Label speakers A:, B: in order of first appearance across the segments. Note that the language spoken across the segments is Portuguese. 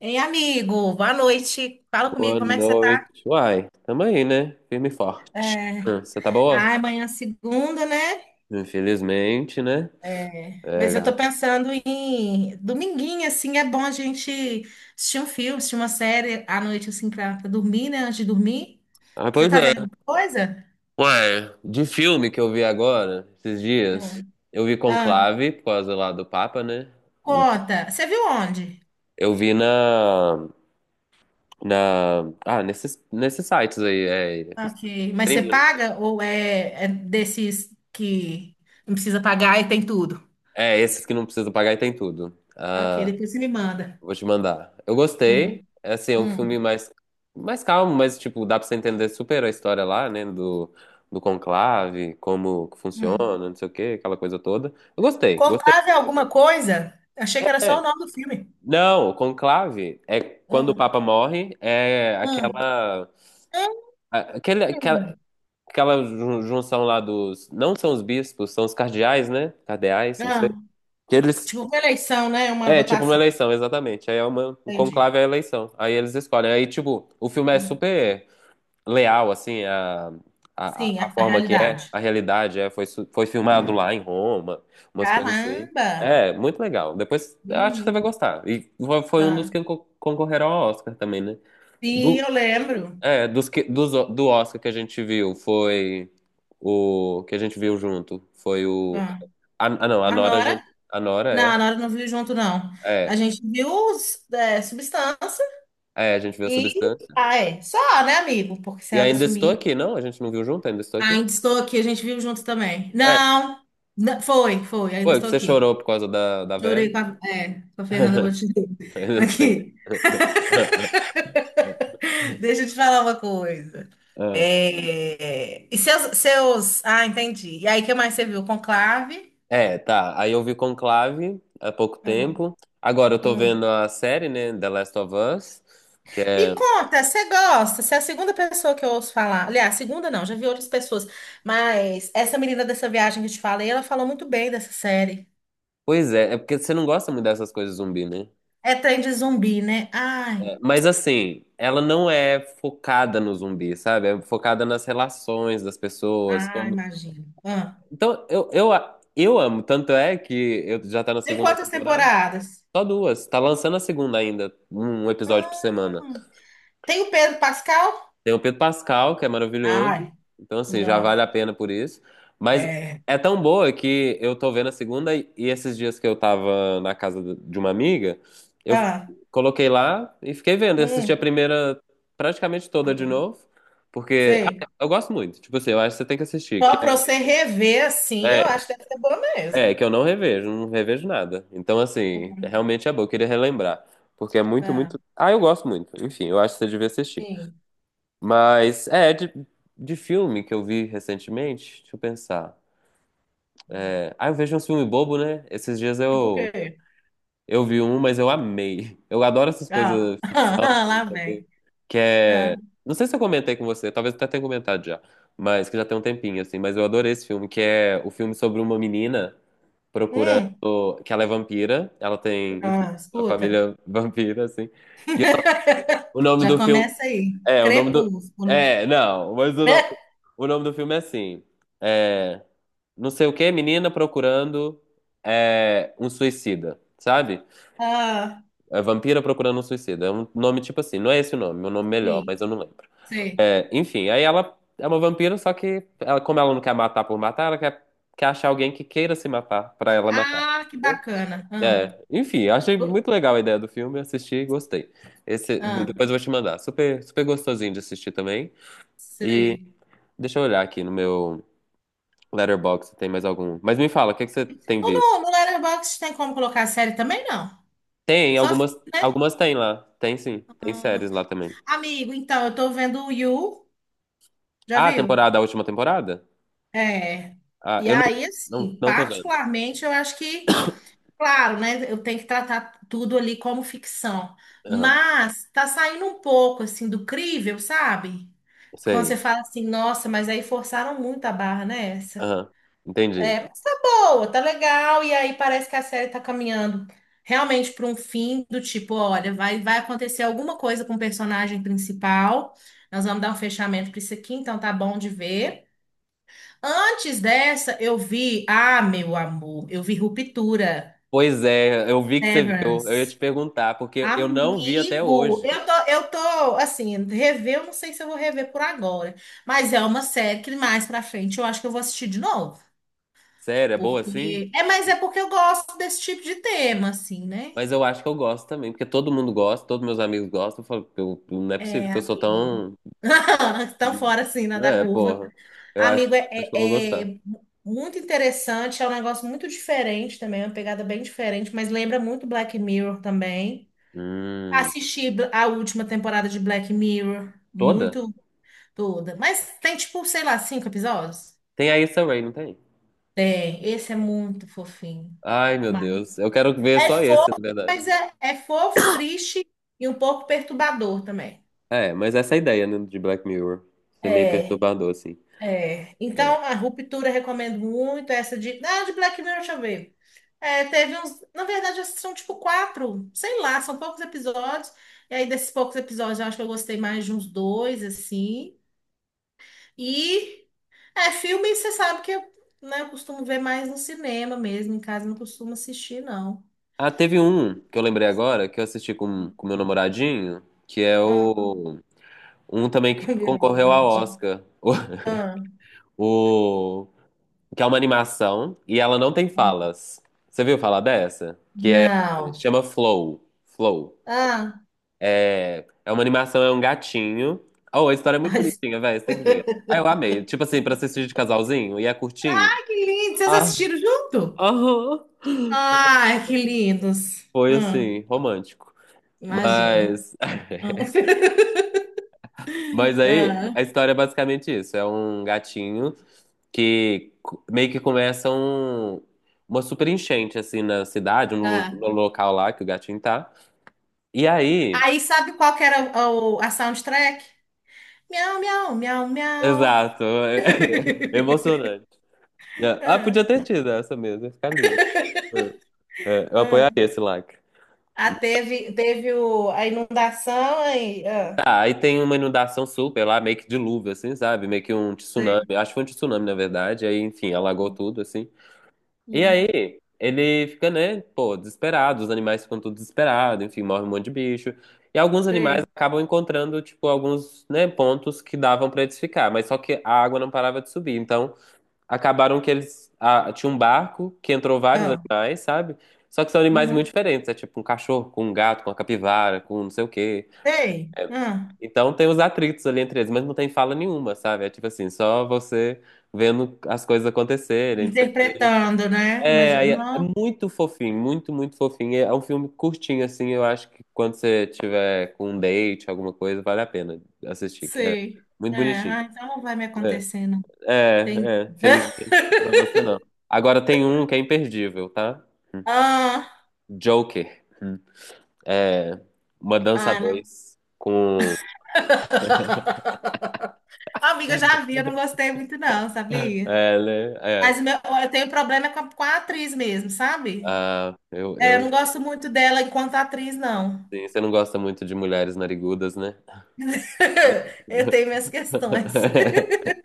A: Ei, amigo, boa noite. Fala comigo,
B: Boa
A: como é que você tá?
B: noite. Uai, tamo aí, né? Firme e forte. Você tá boa?
A: Ah, amanhã é segunda, né?
B: Infelizmente, né?
A: É,
B: É,
A: mas eu tô
B: gata.
A: pensando em dominguinho, assim, é bom a gente assistir um filme, assistir uma série à noite, assim, pra dormir, né? Antes de dormir.
B: Ah,
A: Você
B: pois
A: tá
B: é.
A: vendo alguma coisa?
B: Uai, de filme que eu vi agora, esses
A: Ah,
B: dias, eu vi
A: ah,
B: Conclave, por causa lá do Papa, né?
A: conta. Você viu onde?
B: Eu vi na, nesses sites aí,
A: Ok. Mas você
B: streaming, né?
A: paga ou é desses que não precisa pagar e tem tudo?
B: É, esses que não precisa pagar e tem tudo.
A: Ok,
B: Ah,
A: depois você me manda.
B: vou te mandar. Eu gostei.
A: Hum,
B: É assim, é um filme
A: hum,
B: mais calmo, mas tipo, dá pra você entender super a história lá, né? Do conclave, como que
A: hum.
B: funciona, não sei o quê, aquela coisa toda. Eu gostei, gostei.
A: Conclave é alguma coisa? Achei que era só
B: É.
A: o nome do filme.
B: Não, o conclave é quando o
A: Hum,
B: Papa morre, é
A: hum.
B: aquela, a- aquele, aquela,
A: Hum.
B: aquela junção lá dos. Não são os bispos, são os cardeais, né? Cardeais, não sei.
A: Ah,
B: Que eles.
A: tipo, uma eleição, né? Uma
B: É, tipo uma
A: votação.
B: eleição, exatamente. Aí um
A: Entendi.
B: conclave é a eleição. Aí eles escolhem. Aí, tipo, o filme é super leal, assim, a, a, a
A: Sim, a,
B: a
A: a
B: forma que
A: realidade.
B: é, a realidade foi, foi filmado lá em Roma, umas coisas assim.
A: Caramba!
B: É, muito legal. Depois, eu acho que você vai
A: Menino.
B: gostar. E foi um dos
A: Ah,
B: que concorreram ao Oscar também, né?
A: sim,
B: Do,
A: eu lembro.
B: do Oscar que a gente viu, foi o que a gente viu junto, foi o...
A: Ah,
B: Ah, não, a
A: a
B: Nora, a gente,
A: Nora?
B: a
A: Não,
B: Nora
A: a Nora não viu junto, não.
B: é,
A: A
B: é,
A: gente viu os, é, Substância
B: é, a gente viu a
A: e.
B: Substância.
A: Ah, é. Só, né, amigo? Porque você
B: E
A: anda
B: ainda estou
A: sumido.
B: aqui, não? A gente não viu junto, ainda estou aqui?
A: Ainda estou aqui, a gente viu junto também.
B: É,
A: Não, não, foi, ainda
B: foi que
A: estou
B: você
A: aqui.
B: chorou por causa da
A: Chorei
B: velha.
A: com a Fernanda Montenegro.
B: Assim.
A: Aqui, deixa eu te falar uma coisa.
B: Ah,
A: É, e seus. Ah, entendi. E aí, o que mais você viu? Conclave?
B: é, tá. Aí eu vi Conclave há pouco
A: Hum,
B: tempo. Agora eu tô
A: hum.
B: vendo a série, né? The Last of Us. Que é.
A: Me conta, você gosta? Você é a segunda pessoa que eu ouço falar. Aliás, segunda não, já vi outras pessoas. Mas essa menina dessa viagem que eu te falei, ela falou muito bem dessa série.
B: Pois é, é porque você não gosta muito dessas coisas zumbi, né?
A: É trem de zumbi, né? Ai,
B: É, mas assim, ela não é focada no zumbi, sabe? É focada nas relações das pessoas.
A: ai,
B: Como...
A: imagino. Ah.
B: Então, eu amo. Tanto é que eu já tá na
A: Tem
B: segunda
A: quantas
B: temporada.
A: temporadas?
B: Só duas. Tá lançando a segunda ainda, um episódio por semana.
A: Hum. Tem o Pedro Pascal?
B: Tem o Pedro Pascal, que é maravilhoso.
A: Ai.
B: Então, assim, já vale
A: Não.
B: a pena por isso. Mas
A: É.
B: é tão boa que eu tô vendo a segunda, e esses dias que eu tava na casa de uma amiga, eu
A: Ah,
B: coloquei lá e fiquei vendo. Eu assisti a
A: hum,
B: primeira praticamente toda de
A: hum,
B: novo. Porque
A: sei.
B: eu gosto muito. Tipo assim, eu acho que você tem que assistir. Que
A: Só para você rever assim, eu
B: é,
A: acho que deve ser boa mesmo.
B: que eu não revejo, não revejo nada. Então, assim, realmente é bom. Eu queria relembrar. Porque é muito,
A: Ah,
B: muito. Ah, eu gosto muito. Enfim, eu acho que você devia assistir.
A: sim.
B: Mas, de, filme que eu vi recentemente, deixa eu pensar. Eu vejo um filme bobo, né? Esses dias
A: Tipo o
B: eu,
A: quê?
B: eu vi um, mas eu amei. Eu adoro essas
A: Ah,
B: coisas ficção,
A: ah,
B: né, não
A: lá
B: sei o quê.
A: vem.
B: Que
A: Ah,
B: é... Não sei se eu comentei com você, talvez até tenha comentado já, mas que já tem um tempinho, assim. Mas eu adorei esse filme, que é o filme sobre uma menina procurando...
A: hum,
B: Que ela é vampira, ela tem, enfim,
A: ah,
B: uma
A: escuta.
B: família vampira, assim. O nome
A: Já
B: do filme...
A: começa aí.
B: É, o nome do...
A: Crepúsculo.
B: É, não, mas o nome... O nome do filme é assim. É, não sei o que, menina procurando um suicida, sabe?
A: Ah,
B: É, vampira procurando um suicida. É um nome tipo assim. Não é esse o nome, meu nome melhor, mas
A: sim,
B: eu não lembro.
A: sei.
B: É, enfim, aí ela é uma vampira, só que ela, como ela não quer matar por matar, ela quer, achar alguém que queira se matar pra ela matar.
A: Ah, que
B: Entendeu?
A: bacana. Ah,
B: É, enfim, achei
A: gu-
B: muito legal a ideia do filme, assisti e gostei. Esse, depois
A: ah,
B: eu vou te mandar. Super, super gostosinho de assistir também. E
A: sei.
B: deixa eu olhar aqui no meu. Letterboxd, tem mais algum. Mas me fala, o que que você tem
A: Ou no,
B: visto?
A: no Letterboxd tem como colocar a série também, não?
B: Tem,
A: Só,
B: algumas,
A: filme, né?
B: algumas tem lá. Tem sim, tem
A: Ah.
B: séries lá também.
A: Amigo, então, eu tô vendo o You, já
B: Ah,
A: viu?
B: a última temporada?
A: É.
B: Ah,
A: E
B: eu não,
A: aí,
B: não,
A: assim,
B: não tô vendo.
A: particularmente, eu acho que, claro, né, eu tenho que tratar tudo ali como ficção.
B: Aham,
A: Mas tá saindo um pouco, assim, do crível, sabe? Quando você
B: sei.
A: fala assim, nossa, mas aí forçaram muito a barra, né?
B: Aham, entendi.
A: É, mas tá boa, tá legal, e aí parece que a série tá caminhando realmente para um fim do tipo, olha, vai acontecer alguma coisa com o personagem principal, nós vamos dar um fechamento para isso aqui, então tá bom de ver. Antes dessa, eu vi, ah, meu amor, eu vi Ruptura,
B: Pois é, eu vi que você viu. Eu ia te
A: Severance.
B: perguntar, porque eu não vi até
A: Amigo,
B: hoje.
A: eu tô, assim, rever, eu não sei se eu vou rever por agora, mas é uma série que mais pra frente eu acho que eu vou assistir de novo.
B: Sério, é boa assim?
A: Porque. É, mas é porque eu gosto desse tipo de tema, assim, né?
B: Mas eu acho que eu gosto também, porque todo mundo gosta, todos meus amigos gostam. Eu falo, não é possível
A: É,
B: que eu sou
A: amigo.
B: tão.
A: tão fora, assim, na da
B: É,
A: curva.
B: porra. Eu acho,
A: Amigo, é,
B: acho que eu vou
A: é-
B: gostar.
A: é muito interessante, é um negócio muito diferente também, é uma pegada bem diferente, mas lembra muito Black Mirror também.
B: Hum,
A: Assisti a última temporada de Black Mirror,
B: Toda?
A: muito toda. Mas tem, tipo, sei lá, cinco episódios?
B: Tem a Issa Rae, não tem?
A: Tem. Esse é muito fofinho.
B: Ai, meu
A: Mas
B: Deus. Eu quero ver
A: é,
B: só esse, na verdade.
A: mas é fofo, triste e um pouco perturbador também.
B: É, mas essa é a ideia, né, de Black Mirror. Isso é meio
A: É,
B: perturbador, assim.
A: é.
B: É.
A: Então, a ruptura eu recomendo muito. Essa de. Ah, de Black Mirror, deixa eu ver. É, teve uns. Na verdade, são tipo quatro. Sei lá, são poucos episódios. E aí, desses poucos episódios, eu acho que eu gostei mais de uns dois, assim. E. É, filme, você sabe que eu, né, eu costumo ver mais no cinema mesmo. Em casa, eu não costumo assistir, não.
B: Ah, teve um que eu lembrei agora, que eu assisti com meu namoradinho, que é
A: Ah,
B: o... Um também que
A: meu
B: concorreu ao
A: namorado.
B: Oscar.
A: Ah,
B: O... o- Que é uma animação e ela não tem falas. Você viu falar dessa?
A: não.
B: Chama Flow. Flow.
A: Ah.
B: É, é uma animação, é um gatinho. Oh, a história é muito
A: Ai,
B: bonitinha, velho. Você tem que ver. Ah, eu amei. Tipo assim, pra assistir de casalzinho, e é curtinho.
A: que lindo! Vocês
B: Ah,
A: assistiram junto?
B: aham.
A: Ai, que lindos.
B: Foi assim, romântico.
A: Imagino.
B: Mas,
A: Hum.
B: mas aí
A: Ah,
B: a história é basicamente isso. É um gatinho que meio que começa uma super enchente assim na cidade,
A: ah.
B: no local lá que o gatinho tá. E aí,
A: Aí sabe qual que era a soundtrack? Miau, miau, miau, miau.
B: exato, emocionante. Ah,
A: Ah,
B: podia ter tido essa mesmo, ia ficar lindo. É, eu apoiaria
A: ah.
B: esse like.
A: Ah, teve a inundação aí. Ah,
B: Tá, aí tem uma inundação super lá, meio que dilúvio, assim, sabe? Meio que um
A: sei.
B: tsunami. Acho que foi um tsunami, na verdade. Aí, enfim, alagou tudo, assim. E
A: Hum,
B: aí, ele fica, né, pô, desesperado. Os animais ficam tudo desesperados, enfim, morre um monte de bicho. E alguns animais
A: sei.
B: acabam encontrando, tipo, alguns, né, pontos que davam pra eles ficar. Mas só que a água não parava de subir. Então, acabaram que eles. Ah, tinha um barco que entrou vários
A: Ah,
B: animais, sabe? Só que são animais muito
A: uhum,
B: diferentes. É tipo um cachorro com um gato, com uma capivara, com não sei o quê.
A: sei. Ah,
B: Então tem os atritos ali entre eles, mas não tem fala nenhuma, sabe? É tipo assim, só você vendo as coisas acontecerem, não sei o quê.
A: interpretando, né?
B: É,
A: Imagina,
B: aí é
A: não
B: muito fofinho, muito, muito fofinho. É um filme curtinho, assim, eu acho que quando você tiver com um date, alguma coisa, vale a pena assistir, que é
A: sei.
B: muito
A: É,
B: bonitinho.
A: ah, então não vai me
B: É,
A: acontecer, não. Tem...
B: é, felizmente pra você não. Agora tem um que é imperdível, tá?
A: Ah,
B: Joker. Hum. É, Uma Dança
A: ah,
B: 2 com...
A: Amiga, eu já vi, eu não gostei muito, não, sabia?
B: É, né? É.
A: Mas o eu tenho problema com a atriz mesmo, sabe?
B: Ah,
A: É, eu não
B: eu
A: gosto muito dela enquanto atriz, não.
B: Sim, você não gosta muito de mulheres narigudas, né?
A: Eu tenho minhas questões.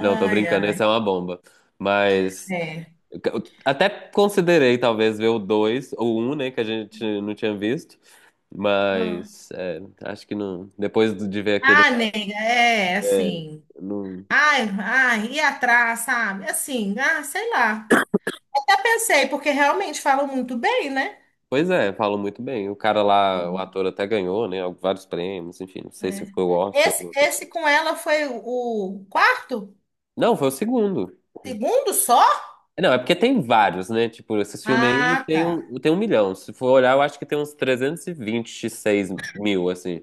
B: Não, tô brincando,
A: ai,
B: essa é uma bomba. Mas
A: é.
B: eu até considerei talvez ver o 2 ou o um, né, que a gente não tinha visto,
A: Ah,
B: mas acho que não. Depois de ver aquele.
A: ah, nega, é,
B: É,
A: assim.
B: não-
A: Ai, ai, ir atrás, sabe? Assim, ah, sei lá. Até pensei, porque realmente falam muito bem, né?
B: Pois é, falam muito bem. O cara lá, o
A: Sim.
B: ator até ganhou, né, vários prêmios, enfim, não sei se
A: É.
B: foi o Oscar
A: Esse,
B: ou alguma coisa.
A: esse com ela foi o quarto?
B: Não, foi o segundo.
A: Segundo só?
B: Não, é porque tem vários, né? Tipo, esses filmes aí
A: Ah, tá.
B: tem um milhão. Se for olhar, eu acho que tem uns trezentos e vinte e seis mil, assim.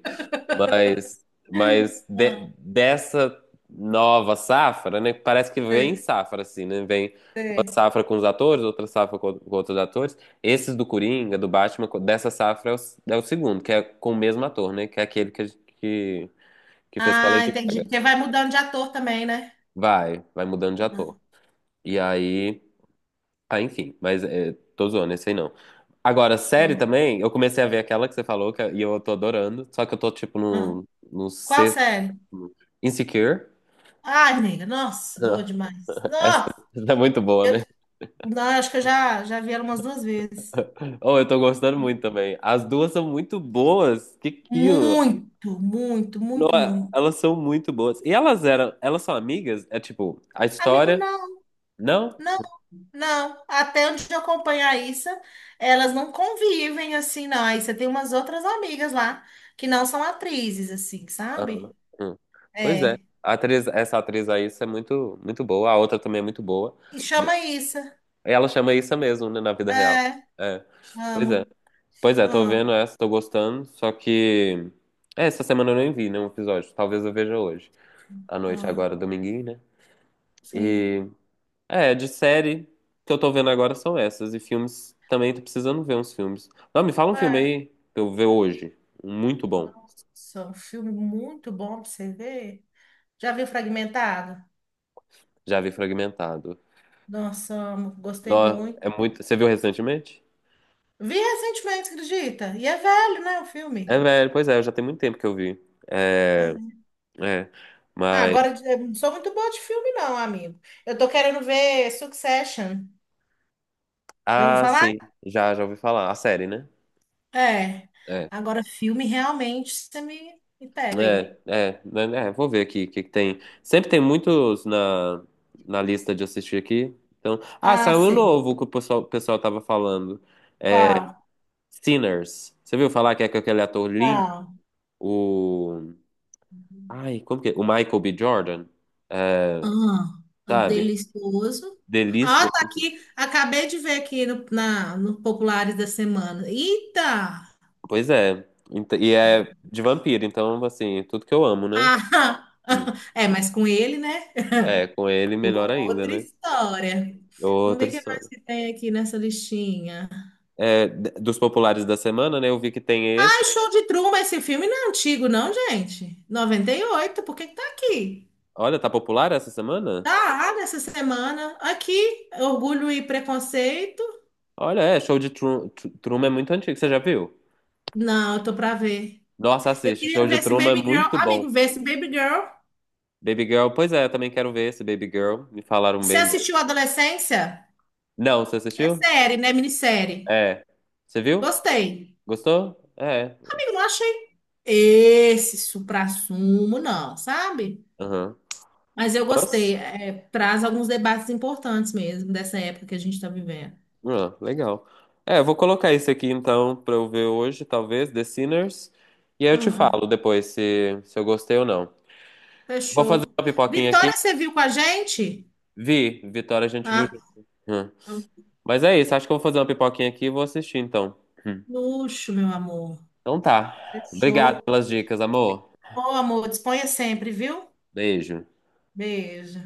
B: Mas, mas,
A: Ah,
B: dessa nova safra, né? Parece que vem
A: sei,
B: safra, assim, né? Vem uma
A: sei.
B: safra com os atores, outra safra com outros atores. Esses do Coringa, do Batman, dessa safra é o segundo, que é com o mesmo ator, né? Que é aquele que fez com a
A: Ah,
B: Lady
A: entendi.
B: Gaga.
A: Porque vai mudando de ator também, né?
B: Vai mudando de
A: Ah,
B: ator. E aí. Ah, enfim, mas tô zoando, esse aí não. Agora, série
A: ah,
B: também, eu comecei a ver aquela que você falou que, e eu tô adorando, só que eu tô tipo
A: ah.
B: no
A: Qual
B: sexto.
A: série?
B: Insecure.
A: Ai, nega, nossa, boa
B: Ah,
A: demais.
B: Essa,
A: Nossa,
B: essa é muito boa,
A: eu,
B: né?
A: não, acho que eu já vi ela umas duas vezes.
B: Oh, eu tô gostando muito também. As duas são muito boas. Que
A: Muito, muito,
B: não,
A: muito, muito.
B: elas são muito boas. E elas são amigas? É tipo, a
A: Amigo,
B: história,
A: não,
B: não?
A: não, não. Até onde eu acompanho a Issa, elas não convivem assim, não. A você tem umas outras amigas lá que não são atrizes, assim,
B: Ah,
A: sabe?
B: hum. Pois é.
A: É.
B: A atriz, essa atriz aí isso é muito muito boa. A outra também é muito boa.
A: E chama Issa.
B: Ela chama isso mesmo, né, na vida real.
A: É,
B: É. Pois é.
A: amo.
B: Pois é, tô
A: Ah,
B: vendo essa, tô gostando, só que essa semana eu nem vi nenhum episódio. Talvez eu veja hoje, à noite
A: ah,
B: agora, dominguinho, né?
A: sim.
B: E de série que eu tô vendo agora são essas, e filmes também tô precisando ver uns filmes. Não, me fala um filme
A: É.
B: aí pra eu ver hoje, um muito bom.
A: Nossa, um filme muito bom pra você ver. Já viu Fragmentado?
B: Já vi Fragmentado.
A: Nossa, amo, gostei
B: Não,
A: muito.
B: é muito, você viu recentemente?
A: Vi recentemente, acredita? E é velho, né, o
B: É
A: filme?
B: velho, pois é, já tem muito tempo que eu vi. É,
A: É.
B: é.
A: Ah,
B: Mas
A: agora eu não sou muito boa de filme, não, amigo. Eu tô querendo ver Succession. Já ouviu
B: Ah,
A: falar?
B: sim, já ouvi falar. A série, né?
A: É.
B: É,
A: Agora, filme realmente você me pega aí.
B: é, né, vou ver aqui o que que tem. Sempre tem muitos na, lista de assistir aqui. Então,
A: Ah,
B: saiu um
A: sei.
B: novo que o pessoal tava falando.
A: Qual?
B: Sinners. Você viu falar que é com aquele ator lindo?
A: Não.
B: O. Ai, como que é? O Michael B. Jordan. É,
A: Ah,
B: sabe?
A: delicioso.
B: Delícia.
A: Ah, tá aqui. Acabei de ver aqui no Populares da Semana. Eita!
B: Pois é. E é de vampiro, então, assim, tudo que eu amo, né?
A: Ah, é, mas com ele, né?
B: É, com ele melhor ainda,
A: Outra
B: né?
A: história. Vamos
B: Outra
A: ver o que mais
B: história.
A: que tem aqui nessa listinha.
B: É, dos populares da semana, né? Eu vi que tem esse.
A: Ah, Show de Truman, esse filme não é antigo, não, gente. 98. Por que que tá aqui?
B: Olha, tá popular essa semana?
A: Tá nessa semana. Aqui, Orgulho e Preconceito.
B: Olha, Show de Truman é muito antigo, você já viu?
A: Não, eu tô pra ver.
B: Nossa,
A: Eu
B: assiste,
A: queria
B: Show
A: ver
B: de
A: esse
B: Truman é
A: Baby Girl.
B: muito
A: Amigo,
B: bom.
A: ver esse Baby Girl.
B: Baby Girl, pois é, eu também quero ver esse Baby Girl, me falaram
A: Você
B: bem dele.
A: assistiu Adolescência?
B: Não, você
A: É
B: assistiu?
A: série, né? Minissérie.
B: É. Você viu?
A: Gostei.
B: Gostou? É.
A: Amigo, não achei esse suprassumo, não, sabe?
B: Aham.
A: Mas eu gostei.
B: Nossa,
A: É, traz alguns debates importantes mesmo dessa época que a gente está vivendo.
B: Legal. É, eu vou colocar isso aqui então pra eu ver hoje, talvez, The Sinners. E aí eu te
A: Ah,
B: falo depois se eu gostei ou não. Vou fazer
A: fechou.
B: uma pipoquinha aqui.
A: Vitória, você viu com a gente?
B: Vi, Vitória a gente viu
A: Ah,
B: junto. Hum.
A: é um
B: Mas é isso, acho que eu vou fazer uma pipoquinha aqui e vou assistir então. Hum.
A: luxo, meu amor.
B: Então tá. Obrigado
A: Fechou.
B: pelas dicas, amor.
A: Ô, amor, disponha sempre, viu?
B: Beijo.
A: Beijo.